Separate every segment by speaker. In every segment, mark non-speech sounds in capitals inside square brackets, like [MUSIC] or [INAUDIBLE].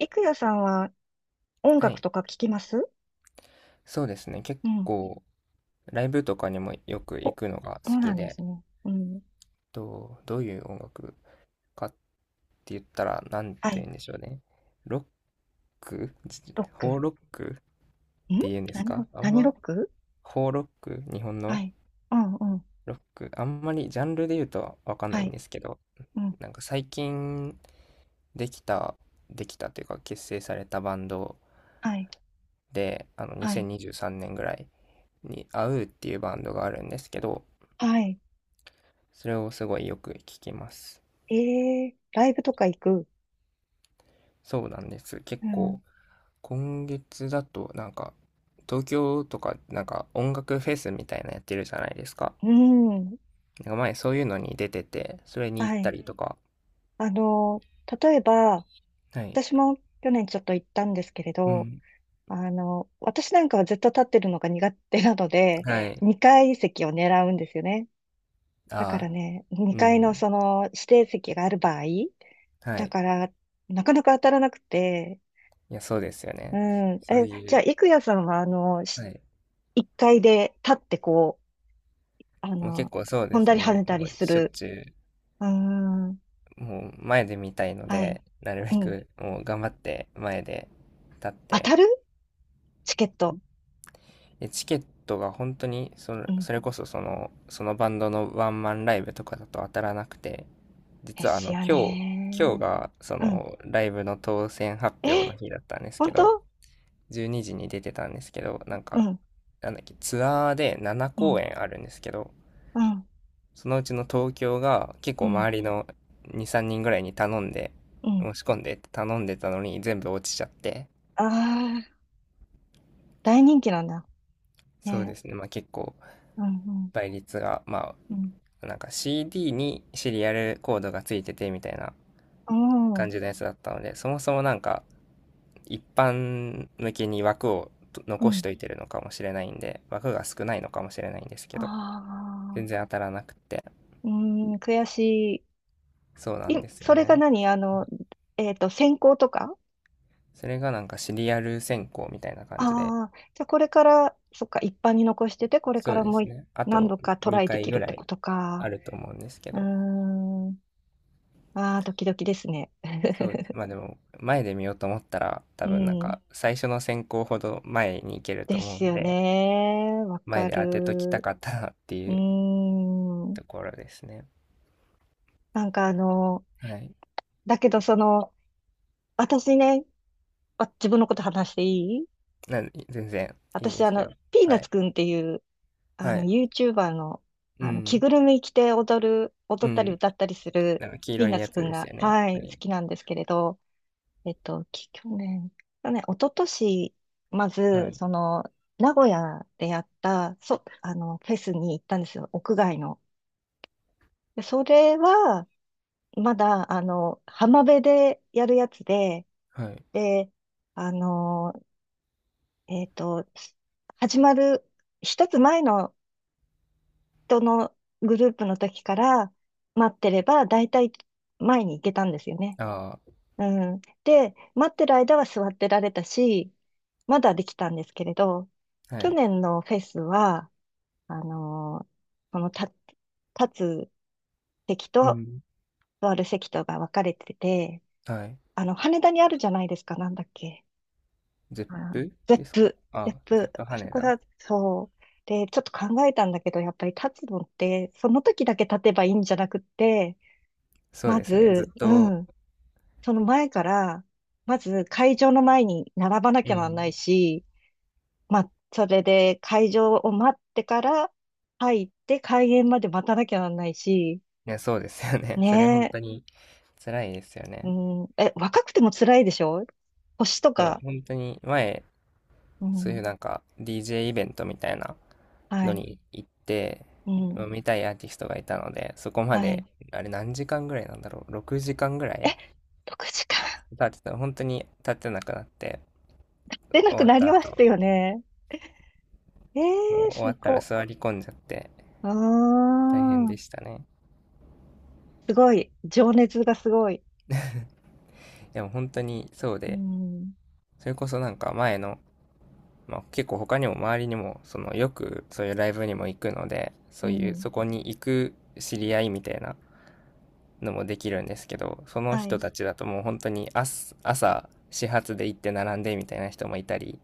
Speaker 1: いくやさんは音
Speaker 2: は
Speaker 1: 楽
Speaker 2: い、
Speaker 1: とか聞きます
Speaker 2: そうですね。結
Speaker 1: うん。
Speaker 2: 構ライブとかにもよく
Speaker 1: お、
Speaker 2: 行くのが
Speaker 1: そ
Speaker 2: 好
Speaker 1: うな
Speaker 2: き
Speaker 1: んです
Speaker 2: で、
Speaker 1: ね。うん。
Speaker 2: どういう音楽かって言ったらなん
Speaker 1: は
Speaker 2: て言
Speaker 1: い。
Speaker 2: うんでしょうね。ロックじ
Speaker 1: ロック。
Speaker 2: 邦
Speaker 1: ん、
Speaker 2: ロックって言うんですか、あん
Speaker 1: 何ロ
Speaker 2: ま
Speaker 1: ック？
Speaker 2: 邦ロック日本
Speaker 1: は
Speaker 2: の
Speaker 1: い。うんうん。
Speaker 2: ロックあんまりジャンルで言うとわかんな
Speaker 1: は
Speaker 2: いん
Speaker 1: い。
Speaker 2: ですけど、
Speaker 1: うん。
Speaker 2: なんか最近できた、できたというか結成されたバンド
Speaker 1: はい。
Speaker 2: で、
Speaker 1: はい。
Speaker 2: 2023年ぐらいに a うっていうバンドがあるんですけど、
Speaker 1: はい。
Speaker 2: それをすごいよく聞きます。
Speaker 1: ライブとか行く？
Speaker 2: そうなんです。結
Speaker 1: う
Speaker 2: 構、
Speaker 1: ん。
Speaker 2: 今月だと、なんか、東京とか、なんか音楽フェスみたいなやってるじゃないですか。
Speaker 1: うん。
Speaker 2: なんか前そういうのに出てて、それに行っ
Speaker 1: は
Speaker 2: た
Speaker 1: い。
Speaker 2: りとか。
Speaker 1: あの、例えば、
Speaker 2: はい。
Speaker 1: 私も去年ちょっと行ったんですけれ
Speaker 2: う
Speaker 1: ど、
Speaker 2: ん。
Speaker 1: あの、私なんかはずっと立ってるのが苦手なので、
Speaker 2: はい。
Speaker 1: 2階席を狙うんですよね。だか
Speaker 2: あ
Speaker 1: ら
Speaker 2: あ、
Speaker 1: ね、
Speaker 2: う
Speaker 1: 2階の
Speaker 2: ん。
Speaker 1: その指定席がある場合、
Speaker 2: は
Speaker 1: だ
Speaker 2: い。
Speaker 1: から、なかなか当たらなくて、
Speaker 2: いや、そうですよ
Speaker 1: う
Speaker 2: ね。
Speaker 1: ん。
Speaker 2: そう
Speaker 1: え、
Speaker 2: い
Speaker 1: じゃあ、
Speaker 2: う、
Speaker 1: 郁也さんは、あの、
Speaker 2: はい。
Speaker 1: 1階で立ってこう、あ
Speaker 2: もう結
Speaker 1: の、
Speaker 2: 構そうで
Speaker 1: 飛ん
Speaker 2: す
Speaker 1: だり跳
Speaker 2: ね。
Speaker 1: ねた
Speaker 2: も
Speaker 1: り
Speaker 2: う
Speaker 1: す
Speaker 2: しょっ
Speaker 1: る。
Speaker 2: ちゅ
Speaker 1: うん。
Speaker 2: う、もう前で見たいの
Speaker 1: はい。
Speaker 2: で、なるべ
Speaker 1: うん。
Speaker 2: くもう頑張って前で立っ
Speaker 1: 当
Speaker 2: て、
Speaker 1: たるチケット。
Speaker 2: でチケットが本当に
Speaker 1: うん。
Speaker 2: それこそそのバンドのワンマンライブとかだと当たらなくて、
Speaker 1: で
Speaker 2: 実は
Speaker 1: すよ
Speaker 2: 今日
Speaker 1: ね。
Speaker 2: がそ
Speaker 1: うん。
Speaker 2: のライブの当選発表
Speaker 1: え、
Speaker 2: の日だったんですけ
Speaker 1: 本
Speaker 2: ど、
Speaker 1: 当。
Speaker 2: 12時に出てたんですけど、なん
Speaker 1: う
Speaker 2: か
Speaker 1: ん。
Speaker 2: なんだっけ、ツアーで7
Speaker 1: う
Speaker 2: 公
Speaker 1: ん。
Speaker 2: 演あるんですけど、
Speaker 1: うん。
Speaker 2: そのうちの東京が結
Speaker 1: う
Speaker 2: 構
Speaker 1: ん。
Speaker 2: 周りの23人ぐらいに頼んで
Speaker 1: うん。
Speaker 2: 申し込んでって頼んでたのに全部落ちちゃって。
Speaker 1: ああ、大人気なんだ。
Speaker 2: そうで
Speaker 1: ね。
Speaker 2: すね、まあ結構
Speaker 1: うん。うん。
Speaker 2: 倍率がま
Speaker 1: うん。
Speaker 2: あ、なんか CD にシリアルコードがついててみたいな
Speaker 1: う
Speaker 2: 感
Speaker 1: ん。
Speaker 2: じのやつだったので、そもそもなんか一般向けに枠を
Speaker 1: う
Speaker 2: 残し
Speaker 1: ん。
Speaker 2: といてるのかもしれないんで、枠が少ないのかもしれないんですけど、
Speaker 1: あ
Speaker 2: 全
Speaker 1: あ、
Speaker 2: 然当たらなくて、
Speaker 1: うーん、悔し
Speaker 2: そうなん
Speaker 1: い。
Speaker 2: ですよ
Speaker 1: それが
Speaker 2: ね。
Speaker 1: 何あの、専攻とか。
Speaker 2: それがなんかシリアル選考みたいな感じで、
Speaker 1: ああー、じゃあこれから、そっか、一般に残してて、これか
Speaker 2: そう
Speaker 1: ら
Speaker 2: で
Speaker 1: も
Speaker 2: すね。あ
Speaker 1: 何
Speaker 2: と
Speaker 1: 度かトライで
Speaker 2: 2回
Speaker 1: き
Speaker 2: ぐ
Speaker 1: るっ
Speaker 2: ら
Speaker 1: てこ
Speaker 2: い
Speaker 1: と
Speaker 2: あ
Speaker 1: か。
Speaker 2: ると思うんですけ
Speaker 1: うー
Speaker 2: ど、
Speaker 1: ん、ああ、ドキドキですね。
Speaker 2: そう、まあでも前で見ようと思ったら多
Speaker 1: う
Speaker 2: 分なん
Speaker 1: ん、
Speaker 2: か最初の選考ほど前に行けると
Speaker 1: で
Speaker 2: 思う
Speaker 1: す
Speaker 2: ん
Speaker 1: よ
Speaker 2: で、
Speaker 1: ね。わ
Speaker 2: 前
Speaker 1: か
Speaker 2: で当てときた
Speaker 1: る。
Speaker 2: かったなってい
Speaker 1: うー
Speaker 2: う
Speaker 1: ん、
Speaker 2: ところですね。
Speaker 1: なんかあの、
Speaker 2: はい。
Speaker 1: だけどその、私ね、あ、自分のこと話していい？
Speaker 2: 全然いい
Speaker 1: 私
Speaker 2: で
Speaker 1: あ
Speaker 2: す
Speaker 1: の、
Speaker 2: よ。
Speaker 1: ピーナ
Speaker 2: は
Speaker 1: ッ
Speaker 2: い。
Speaker 1: ツくんっていうあ
Speaker 2: は
Speaker 1: の、
Speaker 2: い。
Speaker 1: YouTuber の、
Speaker 2: う
Speaker 1: あの、着
Speaker 2: ん。
Speaker 1: ぐるみ着て
Speaker 2: う
Speaker 1: 踊ったり
Speaker 2: ん。
Speaker 1: 歌ったりする
Speaker 2: なんか黄
Speaker 1: ピ
Speaker 2: 色
Speaker 1: ー
Speaker 2: い
Speaker 1: ナッ
Speaker 2: や
Speaker 1: ツ
Speaker 2: つ
Speaker 1: くん
Speaker 2: です
Speaker 1: が、
Speaker 2: よね。
Speaker 1: は
Speaker 2: は
Speaker 1: い、好
Speaker 2: い。
Speaker 1: きなんですけれど、去年、去年、一昨年、ま
Speaker 2: は
Speaker 1: ず、
Speaker 2: い。
Speaker 1: その、名古屋でやった、あの、フェスに行ったんですよ、屋外の。で、それは、まだ、あの、浜辺でやるやつで、
Speaker 2: はい。
Speaker 1: で、あの、えっと、始まる、一つ前のとのグループの時から待ってれば、だいたい前に行けたんですよね。
Speaker 2: あ
Speaker 1: うん。で、待ってる間は座ってられたし、まだできたんですけれど、
Speaker 2: あ、は
Speaker 1: 去
Speaker 2: い。
Speaker 1: 年のフェスは、あのーその立つ席
Speaker 2: う
Speaker 1: と
Speaker 2: ん。
Speaker 1: 座る席とが分かれてて、
Speaker 2: はい。
Speaker 1: あの、羽田にあるじゃないですか、なんだっけ。
Speaker 2: ゼッ
Speaker 1: あ
Speaker 2: プ
Speaker 1: ゼッ
Speaker 2: ですか
Speaker 1: プ、ゼ
Speaker 2: あ？
Speaker 1: ッ
Speaker 2: ゼッ
Speaker 1: プ、
Speaker 2: プ
Speaker 1: あそ
Speaker 2: 羽
Speaker 1: こ
Speaker 2: 田。
Speaker 1: だ、そう。で、ちょっと考えたんだけど、やっぱり立つのって、その時だけ立てばいいんじゃなくって、
Speaker 2: そう
Speaker 1: ま
Speaker 2: ですね。ず
Speaker 1: ず、
Speaker 2: っ
Speaker 1: う
Speaker 2: と、
Speaker 1: ん、その前から、まず会場の前に並ばな
Speaker 2: う
Speaker 1: きゃなんない
Speaker 2: ん。
Speaker 1: し、まあ、それで会場を待ってから入って開演まで待たなきゃなんないし、
Speaker 2: いや、そうですよね。[LAUGHS] それ
Speaker 1: ね
Speaker 2: 本
Speaker 1: え、
Speaker 2: 当に辛いですよ
Speaker 1: う
Speaker 2: ね。
Speaker 1: ん、え、若くても辛いでしょ？星と
Speaker 2: そう、
Speaker 1: か、
Speaker 2: 本当に前、
Speaker 1: う
Speaker 2: そうい
Speaker 1: ん、
Speaker 2: うなんか DJ イベントみたいな
Speaker 1: は
Speaker 2: の
Speaker 1: い、
Speaker 2: に行って、
Speaker 1: うん、
Speaker 2: 見たいアーティストがいたので、そこま
Speaker 1: は
Speaker 2: で、
Speaker 1: い。
Speaker 2: あれ何時間ぐらいなんだろう、6時間ぐら
Speaker 1: え、
Speaker 2: い
Speaker 1: 6時間？
Speaker 2: 経ってた、本当に立ってなくなって、
Speaker 1: 出な
Speaker 2: 終
Speaker 1: く
Speaker 2: わっ
Speaker 1: なり
Speaker 2: た
Speaker 1: ま
Speaker 2: 後、
Speaker 1: すよね。え
Speaker 2: もう
Speaker 1: え、
Speaker 2: 終
Speaker 1: す
Speaker 2: わったら
Speaker 1: ご。
Speaker 2: 座り込んじゃって、
Speaker 1: あ
Speaker 2: 大変でし
Speaker 1: あ、
Speaker 2: たね。
Speaker 1: すごい。情熱がすごい。
Speaker 2: でも本当にそう
Speaker 1: う
Speaker 2: で、
Speaker 1: ん、
Speaker 2: それこそなんか前の、まあ、結構他にも周りにも、そのよくそういうライブにも行くので、
Speaker 1: う
Speaker 2: そういう、
Speaker 1: ん。
Speaker 2: そこに行く知り合いみたいなのもできるんですけど、その
Speaker 1: は
Speaker 2: 人
Speaker 1: い。
Speaker 2: たちだともう本当に朝始発で行って並んでみたいな人もいたり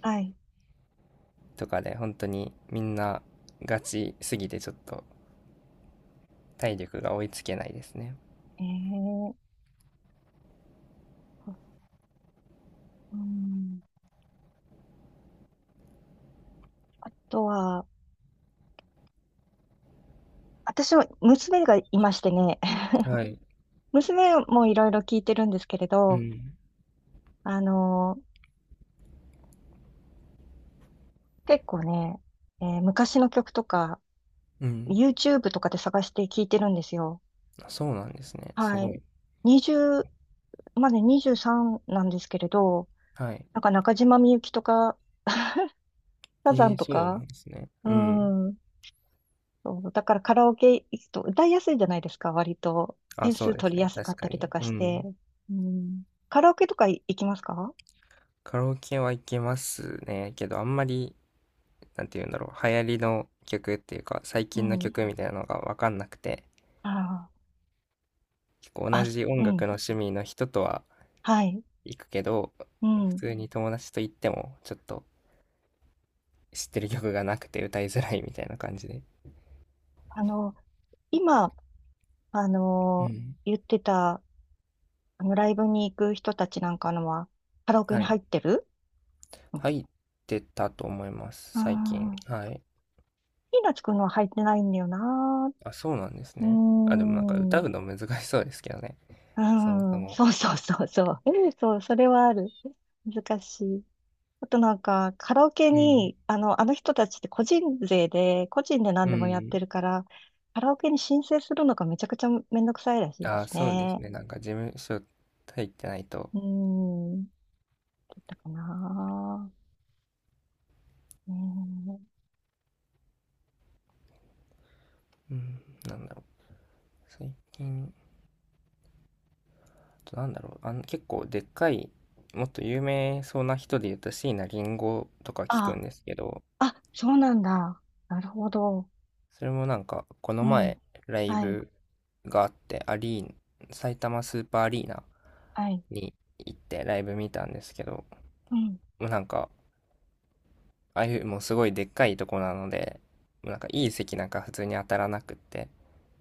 Speaker 1: はい。
Speaker 2: とかで、本当にみんなガチすぎてちょっと体力が追いつけないですね。
Speaker 1: えー、うん。あとは、私は娘がいましてね、[LAUGHS]
Speaker 2: はい。
Speaker 1: 娘もいろいろ聞いてるんですけれ
Speaker 2: う
Speaker 1: ど、
Speaker 2: ん。
Speaker 1: あのー結構ね、昔の曲とか、
Speaker 2: うん。
Speaker 1: YouTube とかで探して聞いてるんですよ。
Speaker 2: あ、そうなんですね。す
Speaker 1: は
Speaker 2: ご
Speaker 1: い。
Speaker 2: い。
Speaker 1: 20、まだ23なんですけれど、
Speaker 2: はい。
Speaker 1: なんか中島みゆきとか、[LAUGHS] サザンと
Speaker 2: そうな
Speaker 1: か、
Speaker 2: んですね。
Speaker 1: う
Speaker 2: うん。
Speaker 1: ん、そう、だからカラオケ行くと歌いやすいじゃないですか、割と。
Speaker 2: あ、
Speaker 1: 点
Speaker 2: そう
Speaker 1: 数
Speaker 2: で
Speaker 1: 取
Speaker 2: す
Speaker 1: りや
Speaker 2: ね。
Speaker 1: すか
Speaker 2: 確
Speaker 1: った
Speaker 2: か
Speaker 1: りと
Speaker 2: に。
Speaker 1: か
Speaker 2: う
Speaker 1: して。
Speaker 2: ん。
Speaker 1: うん。カラオケとか行きますか？
Speaker 2: カラオケは行けますね。けど、あんまり、なんて言うんだろう。流行りの曲っていうか、最
Speaker 1: う
Speaker 2: 近の
Speaker 1: ん。
Speaker 2: 曲みたいなのがわかんなくて、
Speaker 1: あ
Speaker 2: こう
Speaker 1: あ、
Speaker 2: 同
Speaker 1: あ、
Speaker 2: じ
Speaker 1: う
Speaker 2: 音楽
Speaker 1: ん。
Speaker 2: の趣味の人とは
Speaker 1: はい。
Speaker 2: 行くけど、
Speaker 1: う
Speaker 2: 普
Speaker 1: ん。
Speaker 2: 通に友達と行っても、ちょっと知ってる曲がなくて歌いづらいみたいな感じで。
Speaker 1: あの、今、あ
Speaker 2: う
Speaker 1: の、
Speaker 2: ん。
Speaker 1: 言ってた、あの、ライブに行く人たちなんかのは、カラオケ
Speaker 2: は
Speaker 1: に
Speaker 2: い。
Speaker 1: 入ってる？うん。
Speaker 2: 入ってたと思います、
Speaker 1: あ
Speaker 2: 最近。は
Speaker 1: ー
Speaker 2: い。
Speaker 1: ピーナッツくんのは入ってないんだよな。
Speaker 2: あ、そうなんです
Speaker 1: うー
Speaker 2: ね。あ、でもなんか
Speaker 1: ん。
Speaker 2: 歌
Speaker 1: う
Speaker 2: うの難しそうですけどね、そもそ
Speaker 1: ん。
Speaker 2: も。
Speaker 1: そうそうそうそう。[LAUGHS] そう、それはある。難しい。あとなんか、カラオケ
Speaker 2: うん。
Speaker 1: に、あの、あの人たちって個人税で、個人で何
Speaker 2: う
Speaker 1: でもやっ
Speaker 2: ん。
Speaker 1: てるから、カラオケに申請するのがめちゃくちゃめんどくさいらしいで
Speaker 2: あ、
Speaker 1: す
Speaker 2: そうです
Speaker 1: ね。
Speaker 2: ね。なんか事務所入ってないと、
Speaker 1: うーん、だったかな。うーん。
Speaker 2: うん、なんだろう。最近、なんだろう、結構でっかい、もっと有名そうな人で言うと椎名林檎とか聞く
Speaker 1: あ、
Speaker 2: んですけど、
Speaker 1: あ、そうなんだ。なるほど。
Speaker 2: それもなんか、この
Speaker 1: うん。
Speaker 2: 前、ライ
Speaker 1: はい、
Speaker 2: ブがあって、アリーナ、埼玉スーパーアリーナ
Speaker 1: はい。
Speaker 2: に行ってライブ見たんですけど、
Speaker 1: うん。
Speaker 2: もうなんか、ああいうもうすごいでっかいとこなので、もうなんかいい席なんか普通に当たらなくって、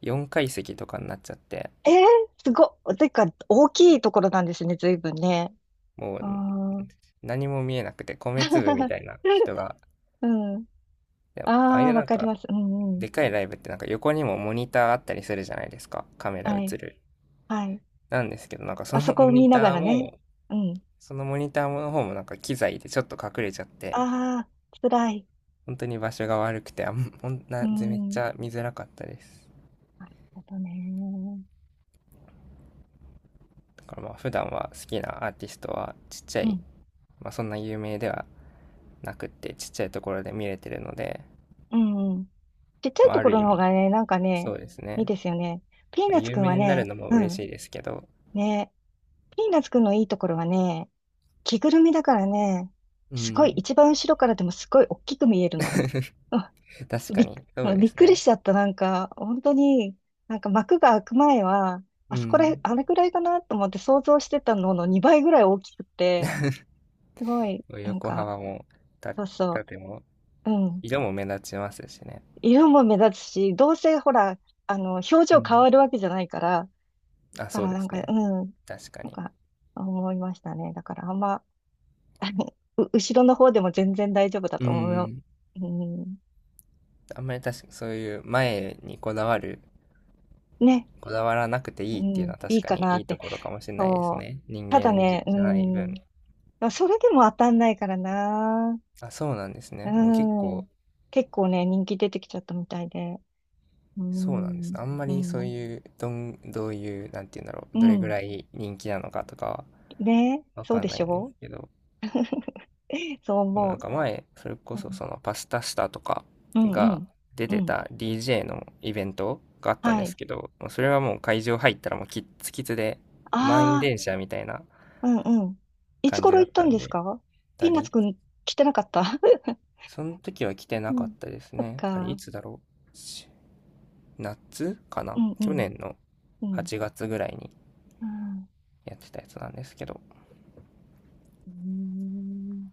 Speaker 2: 4階席とかになっちゃって、
Speaker 1: えー、すごっ。てか、大きいところなんですね、随分ね。
Speaker 2: も
Speaker 1: うー
Speaker 2: う
Speaker 1: ん。
Speaker 2: 何も見えなくて米粒みたい
Speaker 1: [LAUGHS]
Speaker 2: な人が、
Speaker 1: うん。
Speaker 2: いやああい
Speaker 1: ああ、
Speaker 2: う
Speaker 1: わ
Speaker 2: なん
Speaker 1: かり
Speaker 2: か
Speaker 1: ます。うんうん。
Speaker 2: でかいライブってなんか横にもモニターあったりするじゃないですか。カメラ
Speaker 1: はい。
Speaker 2: 映る。
Speaker 1: はい。
Speaker 2: なんですけど、なんかそ
Speaker 1: あそ
Speaker 2: の [LAUGHS]
Speaker 1: こ
Speaker 2: モ
Speaker 1: を
Speaker 2: ニ
Speaker 1: 見なが
Speaker 2: ター
Speaker 1: らね。
Speaker 2: も、
Speaker 1: うん。
Speaker 2: そのモニターの方もなんか機材でちょっと隠れちゃって、
Speaker 1: ああ、辛い。
Speaker 2: 本当に場所が悪くて、あん、ほん
Speaker 1: う
Speaker 2: な、めっち
Speaker 1: ん。
Speaker 2: ゃ見づらかったです。
Speaker 1: なるほどね。
Speaker 2: だからまあ普段は好きなアーティストはちっちゃ
Speaker 1: う
Speaker 2: い、
Speaker 1: ん。
Speaker 2: まあそんな有名ではなくってちっちゃいところで見れてるので、
Speaker 1: うん。うん。ちっちゃい
Speaker 2: まあ
Speaker 1: と
Speaker 2: あ
Speaker 1: こ
Speaker 2: る
Speaker 1: ろ
Speaker 2: 意
Speaker 1: の方
Speaker 2: 味、
Speaker 1: がね、なんか
Speaker 2: そ
Speaker 1: ね、
Speaker 2: うです
Speaker 1: いい
Speaker 2: ね。
Speaker 1: ですよね。ピー
Speaker 2: まあ、
Speaker 1: ナッツ
Speaker 2: 有
Speaker 1: くんは
Speaker 2: 名になる
Speaker 1: ね、
Speaker 2: のも
Speaker 1: う
Speaker 2: 嬉し
Speaker 1: ん。
Speaker 2: いですけど、
Speaker 1: ね。ピーナッツくんのいいところはね、着ぐるみだからね、
Speaker 2: う
Speaker 1: すごい、
Speaker 2: ん。
Speaker 1: 一番後ろからでもすごい大きく見えるの。うん、
Speaker 2: [LAUGHS] 確か
Speaker 1: びっ、
Speaker 2: に、そ
Speaker 1: う
Speaker 2: う
Speaker 1: ん
Speaker 2: で
Speaker 1: びっ
Speaker 2: す
Speaker 1: くり
Speaker 2: ね。
Speaker 1: しちゃった。なんか、本当に、なんか幕が開く前は、
Speaker 2: う
Speaker 1: あそこら、
Speaker 2: ん。
Speaker 1: あれくらいかなと思って想像してたのの2倍ぐらい大きくて、すごい、なん
Speaker 2: 横
Speaker 1: か、
Speaker 2: 幅も、た、
Speaker 1: そうそ
Speaker 2: 縦も、
Speaker 1: う、うん。
Speaker 2: 色も目立ちますしね。
Speaker 1: 色も目立つし、どうせほら、あの、表
Speaker 2: う
Speaker 1: 情変
Speaker 2: ん。
Speaker 1: わるわけじゃないから、
Speaker 2: あ、
Speaker 1: だ
Speaker 2: そ
Speaker 1: か
Speaker 2: う
Speaker 1: ら
Speaker 2: で
Speaker 1: なん
Speaker 2: す
Speaker 1: か、
Speaker 2: ね。
Speaker 1: うん、
Speaker 2: 確か
Speaker 1: なん
Speaker 2: に。
Speaker 1: か、思いましたね。だからあんま、[LAUGHS] あのう後ろの方でも全然大丈夫だ
Speaker 2: う
Speaker 1: と思うよ。
Speaker 2: ん。
Speaker 1: うん、
Speaker 2: あんまり確か、そういう前に
Speaker 1: ね、
Speaker 2: こだわらなくて
Speaker 1: う
Speaker 2: いいっていうの
Speaker 1: ん、
Speaker 2: は
Speaker 1: い
Speaker 2: 確
Speaker 1: い
Speaker 2: か
Speaker 1: か
Speaker 2: に
Speaker 1: な
Speaker 2: い
Speaker 1: っ
Speaker 2: いと
Speaker 1: て。
Speaker 2: ころかもしれないです
Speaker 1: そう。
Speaker 2: ね。人
Speaker 1: ただ
Speaker 2: 間じ
Speaker 1: ね、う
Speaker 2: ゃない分。
Speaker 1: ん、それでも当たんないからな。
Speaker 2: あ、そうなんです
Speaker 1: う
Speaker 2: ね。もう結構、
Speaker 1: ん。結構ね、人気出てきちゃったみたいで。う
Speaker 2: そうなんです
Speaker 1: ん、
Speaker 2: ね。あんま
Speaker 1: う
Speaker 2: りそう
Speaker 1: ん、
Speaker 2: いう、どういう、なんて言うんだろう、
Speaker 1: う
Speaker 2: どれぐ
Speaker 1: ん。
Speaker 2: らい人気なのかとかは
Speaker 1: ねえ、
Speaker 2: わ
Speaker 1: そう
Speaker 2: かん
Speaker 1: で
Speaker 2: な
Speaker 1: し
Speaker 2: いんで
Speaker 1: ょ
Speaker 2: すけど、
Speaker 1: う？ [LAUGHS] そう
Speaker 2: でも
Speaker 1: 思
Speaker 2: な
Speaker 1: う。
Speaker 2: んか前、それこ
Speaker 1: う
Speaker 2: そ
Speaker 1: ん、
Speaker 2: そのパスタスタとか
Speaker 1: うん、う
Speaker 2: が
Speaker 1: ん。
Speaker 2: 出
Speaker 1: う
Speaker 2: て
Speaker 1: ん、
Speaker 2: た DJ のイベントがあったん
Speaker 1: は
Speaker 2: です
Speaker 1: い。
Speaker 2: けど、もうそれはもう会場入ったらもうキッツキツで満員
Speaker 1: あ
Speaker 2: 電車みたいな
Speaker 1: あ、うんうん。いつ
Speaker 2: 感じ
Speaker 1: 頃
Speaker 2: だっ
Speaker 1: 行った
Speaker 2: た
Speaker 1: ん
Speaker 2: ん
Speaker 1: です
Speaker 2: で、
Speaker 1: か？ピ
Speaker 2: た
Speaker 1: ーナッツ
Speaker 2: り、
Speaker 1: くん来てなかった？
Speaker 2: その時は来て
Speaker 1: [LAUGHS] う
Speaker 2: なかっ
Speaker 1: ん。
Speaker 2: たです
Speaker 1: そっ
Speaker 2: ね。あれい
Speaker 1: か。
Speaker 2: つだろうし夏か
Speaker 1: う
Speaker 2: な
Speaker 1: んう
Speaker 2: 去
Speaker 1: ん。
Speaker 2: 年の
Speaker 1: うん。
Speaker 2: 8月ぐらいに
Speaker 1: あ
Speaker 2: やってたやつなんですけど、
Speaker 1: うーん